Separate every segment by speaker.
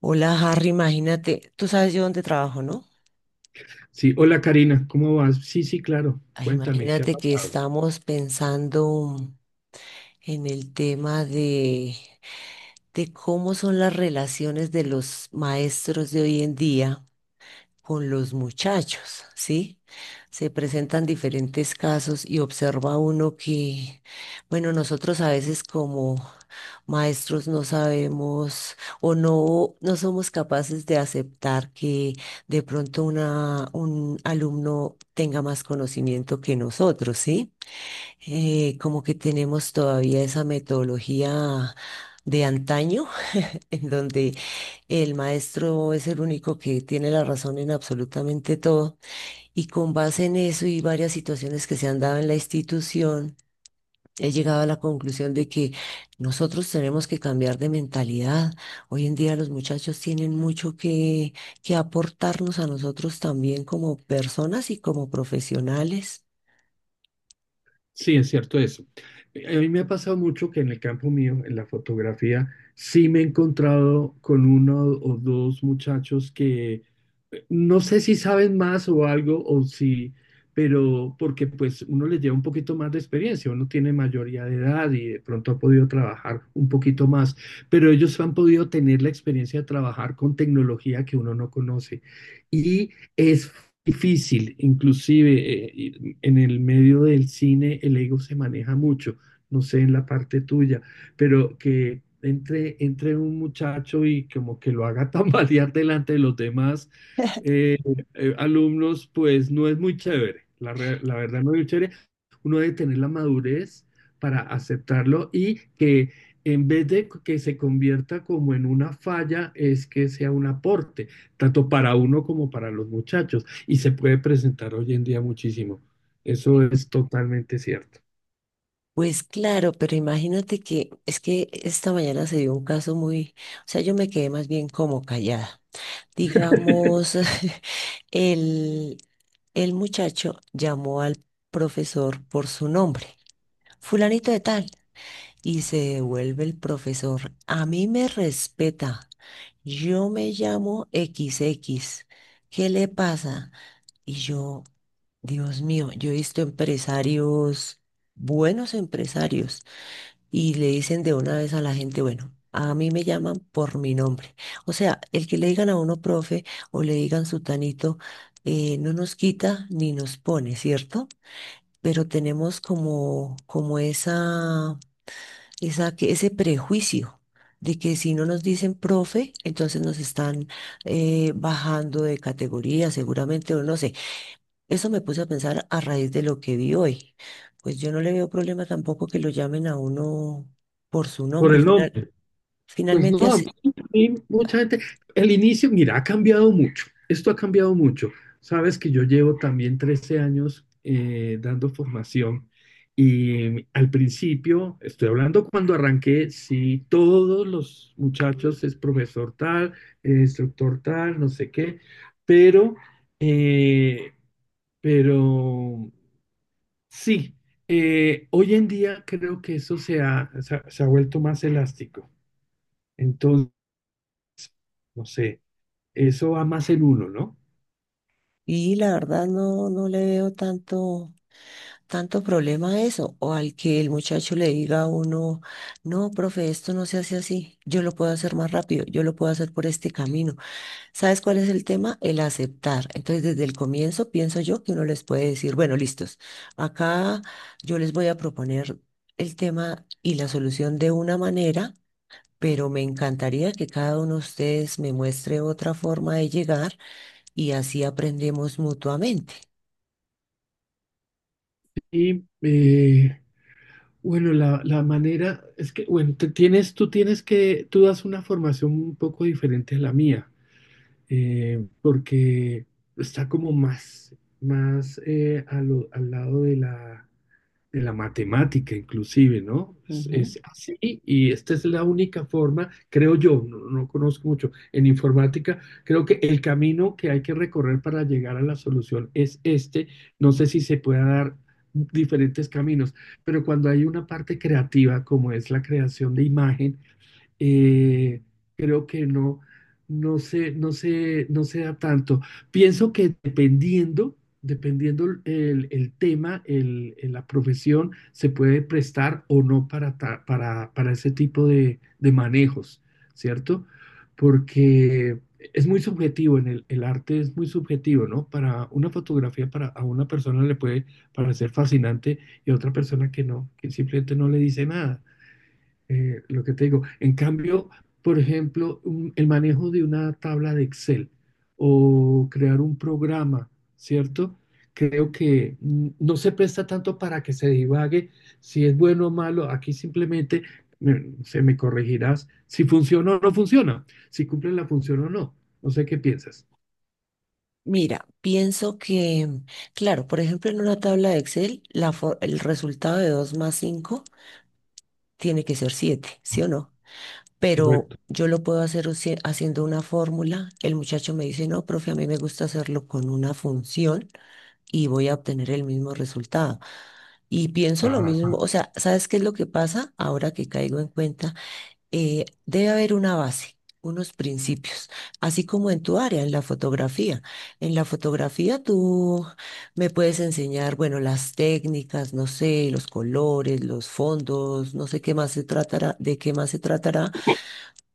Speaker 1: Hola Harry, imagínate, tú sabes yo dónde trabajo, ¿no?
Speaker 2: Sí, hola Karina, ¿cómo vas? Sí, sí, claro,
Speaker 1: Ay,
Speaker 2: cuéntame, ¿qué ha
Speaker 1: imagínate que
Speaker 2: pasado?
Speaker 1: estamos pensando en el tema de cómo son las relaciones de los maestros de hoy en día con los muchachos, ¿sí? Se presentan diferentes casos y observa uno que, bueno, nosotros a veces como maestros no sabemos o no somos capaces de aceptar que de pronto una, un alumno tenga más conocimiento que nosotros, ¿sí? Como que tenemos todavía esa metodología de antaño en donde el maestro es el único que tiene la razón en absolutamente todo. Y con base en eso y varias situaciones que se han dado en la institución, he llegado a la conclusión de que nosotros tenemos que cambiar de mentalidad. Hoy en día los muchachos tienen mucho que aportarnos a nosotros también como personas y como profesionales.
Speaker 2: Sí, es cierto eso. A mí me ha pasado mucho que en el campo mío, en la fotografía, sí me he encontrado con uno o dos muchachos que no sé si saben más o algo o si, pero porque pues uno les lleva un poquito más de experiencia, uno tiene mayoría de edad y de pronto ha podido trabajar un poquito más, pero ellos han podido tener la experiencia de trabajar con tecnología que uno no conoce. Y... Es difícil, inclusive en el medio del cine el ego se maneja mucho, no sé en la parte tuya, pero que entre un muchacho y como que lo haga tambalear delante de los demás eh, alumnos, pues no es muy chévere, la verdad no es muy chévere, uno debe tener la madurez para aceptarlo y que en vez de que se convierta como en una falla, es que sea un aporte, tanto para uno como para los muchachos y se puede presentar hoy en día muchísimo. Eso es totalmente cierto.
Speaker 1: Pues claro, pero imagínate que es que esta mañana se dio un caso muy, o sea, yo me quedé más bien como callada. Digamos, el, el muchacho llamó al profesor por su nombre, fulanito de tal, y se devuelve el profesor. A mí me respeta, yo me llamo XX, ¿qué le pasa? Y yo, Dios mío, yo he visto empresarios, buenos empresarios, y le dicen de una vez a la gente, bueno, a mí me llaman por mi nombre. O sea, el que le digan a uno profe o le digan sutanito, no nos quita ni nos pone, ¿cierto? Pero tenemos como, como ese prejuicio de que si no nos dicen profe, entonces nos están bajando de categoría, seguramente, o no sé. Eso me puse a pensar a raíz de lo que vi hoy. Pues yo no le veo problema tampoco que lo llamen a uno por su
Speaker 2: Por
Speaker 1: nombre
Speaker 2: el
Speaker 1: final.
Speaker 2: nombre. Pues
Speaker 1: Finalmente
Speaker 2: no, a mí,
Speaker 1: así.
Speaker 2: a mí mucha gente, el inicio, mira, ha cambiado mucho. Esto ha cambiado mucho. Sabes que yo llevo también 13 años dando formación y al principio, estoy hablando cuando arranqué, sí, todos los muchachos es profesor tal, instructor tal, no sé qué, pero, eh, pero sí, hoy en día creo que eso se ha vuelto más elástico. Entonces, no sé, eso va más en uno, ¿no?
Speaker 1: Y la verdad no le veo tanto problema a eso. O al que el muchacho le diga a uno, no, profe, esto no se hace así. Yo lo puedo hacer más rápido, yo lo puedo hacer por este camino. ¿Sabes cuál es el tema? El aceptar. Entonces, desde el comienzo pienso yo que uno les puede decir, bueno, listos, acá yo les voy a proponer el tema y la solución de una manera, pero me encantaría que cada uno de ustedes me muestre otra forma de llegar y así aprendemos mutuamente.
Speaker 2: Y bueno, la manera es que, bueno, tú tienes que, tú das una formación un poco diferente a la mía, porque está como más, más al lado de la matemática inclusive, ¿no?
Speaker 1: Ujú.
Speaker 2: Es así y esta es la única forma, creo yo, no, no conozco mucho en informática, creo que el camino que hay que recorrer para llegar a la solución es este. No sé si se pueda dar diferentes caminos, pero cuando hay una parte creativa como es la creación de imagen, eh, creo que no, no se da tanto. Pienso que dependiendo el tema, la profesión, se puede prestar o no para, para ese tipo de manejos, ¿cierto? Porque es muy subjetivo, en el arte es muy subjetivo, ¿no? Para una fotografía, para a una persona le puede parecer fascinante y a otra persona que no, que simplemente no le dice nada, lo que te digo. En cambio, por ejemplo, el manejo de una tabla de Excel o crear un programa, ¿cierto? Creo que no se presta tanto para que se divague si es bueno o malo. Aquí simplemente se me corregirás si funciona o no funciona, si cumple la función o no. No sé qué piensas.
Speaker 1: Mira, pienso que, claro, por ejemplo, en una tabla de Excel, el resultado de 2 más 5 tiene que ser 7, ¿sí o no? Pero
Speaker 2: Correcto.
Speaker 1: yo lo puedo hacer haciendo una fórmula. El muchacho me dice, no, profe, a mí me gusta hacerlo con una función, y voy a obtener el mismo resultado. Y pienso lo mismo,
Speaker 2: Ajá.
Speaker 1: o sea, ¿sabes qué es lo que pasa? Ahora que caigo en cuenta, debe haber una base, unos principios, así como en tu área, en la fotografía. En la fotografía tú me puedes enseñar, bueno, las técnicas, no sé, los colores, los fondos, no sé qué más se tratará, de qué más se tratará,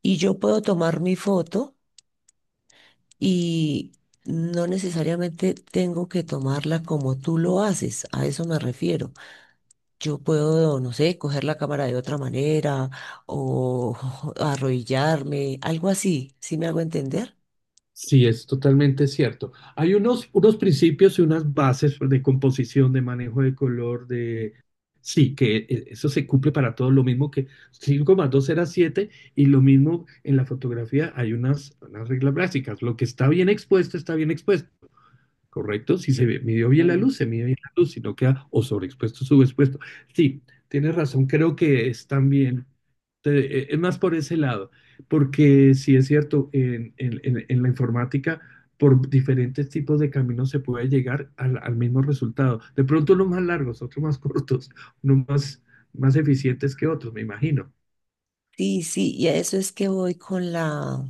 Speaker 1: y yo puedo tomar mi foto y no necesariamente tengo que tomarla como tú lo haces, a eso me refiero. Yo puedo, no sé, coger la cámara de otra manera o arrodillarme, algo así, ¿sí me hago entender?
Speaker 2: Sí, es totalmente cierto. Hay unos, unos principios y unas bases de composición, de manejo de color, de... Sí, que eso se cumple para todo. Lo mismo que 5 más 2 era 7 y lo mismo en la fotografía hay unas, unas reglas básicas. Lo que está bien expuesto está bien expuesto. ¿Correcto? Si se midió bien la luz, se midió bien la luz, si no queda o sobreexpuesto o subexpuesto. Sí, tienes razón, creo que es también, es más por ese lado, porque sí es cierto, en la informática, por diferentes tipos de caminos se puede llegar al, al mismo resultado. De pronto unos más largos, otros más cortos, unos más, más eficientes que otros, me imagino.
Speaker 1: Sí, sí, y a eso es que voy con la,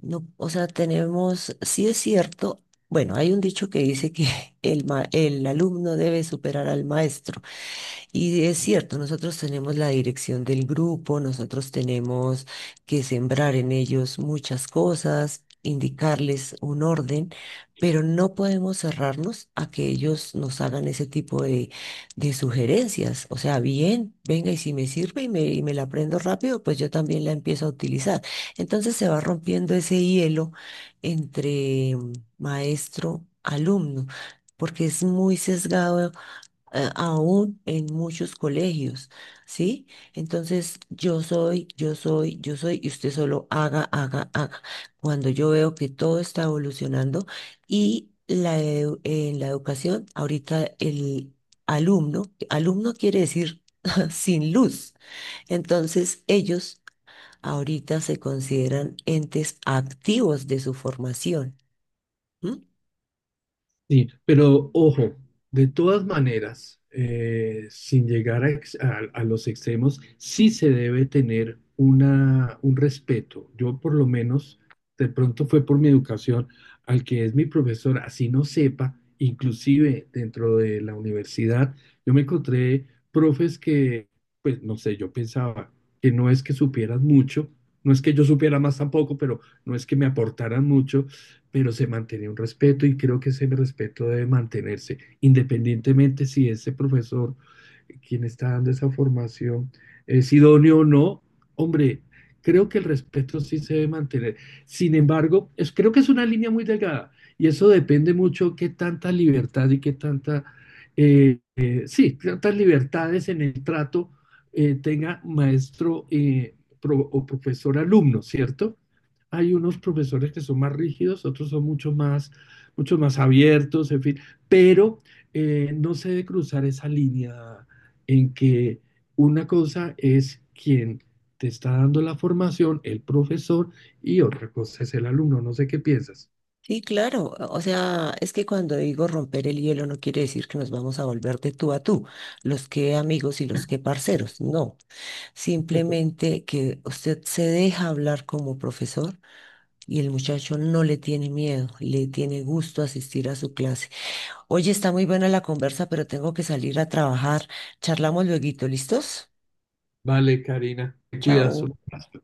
Speaker 1: no, o sea, tenemos, sí es cierto, bueno, hay un dicho que dice que el alumno debe superar al maestro, y es cierto, nosotros tenemos la dirección del grupo, nosotros tenemos que sembrar en ellos muchas cosas, indicarles un orden, pero no podemos cerrarnos a que ellos nos hagan ese tipo de sugerencias. O sea, bien, venga, y si me sirve y me la aprendo rápido, pues yo también la empiezo a utilizar. Entonces se va rompiendo ese hielo entre maestro, alumno, porque es muy sesgado aún en muchos colegios, ¿sí? Entonces, yo soy, y usted solo haga, haga, haga. Cuando yo veo que todo está evolucionando y en la educación, ahorita el alumno, alumno quiere decir sin luz. Entonces, ellos ahorita se consideran entes activos de su formación. ¿M?
Speaker 2: Sí, pero ojo, de todas maneras, sin llegar a, a los extremos, sí se debe tener una, un respeto. Yo por lo menos, de pronto fue por mi educación, al que es mi profesor, así no sepa, inclusive dentro de la universidad, yo me encontré profes que, pues no sé, yo pensaba que no es que supieran mucho, no es que yo supiera más tampoco, pero no es que me aportaran mucho, pero se mantenía un respeto y creo que ese respeto debe mantenerse, independientemente si ese profesor, quien está dando esa formación, es idóneo o no. Hombre, creo que el respeto sí se debe mantener. Sin embargo, es, creo que es una línea muy delgada y eso depende mucho qué tanta libertad y qué tanta, sí, tantas libertades en el trato, tenga maestro o profesor alumno, ¿cierto? Hay unos profesores que son más rígidos, otros son mucho más abiertos, en fin, pero no se debe cruzar esa línea en que una cosa es quien te está dando la formación, el profesor, y otra cosa es el alumno. No sé qué piensas.
Speaker 1: Sí, claro. O sea, es que cuando digo romper el hielo no quiere decir que nos vamos a volver de tú a tú, los que amigos y los que parceros. No, simplemente que usted se deja hablar como profesor y el muchacho no le tiene miedo, le tiene gusto asistir a su clase. Oye, está muy buena la conversa, pero tengo que salir a trabajar. Charlamos lueguito, ¿listos?
Speaker 2: Vale, Karina, te cuidas. Un
Speaker 1: Chao.
Speaker 2: abrazo.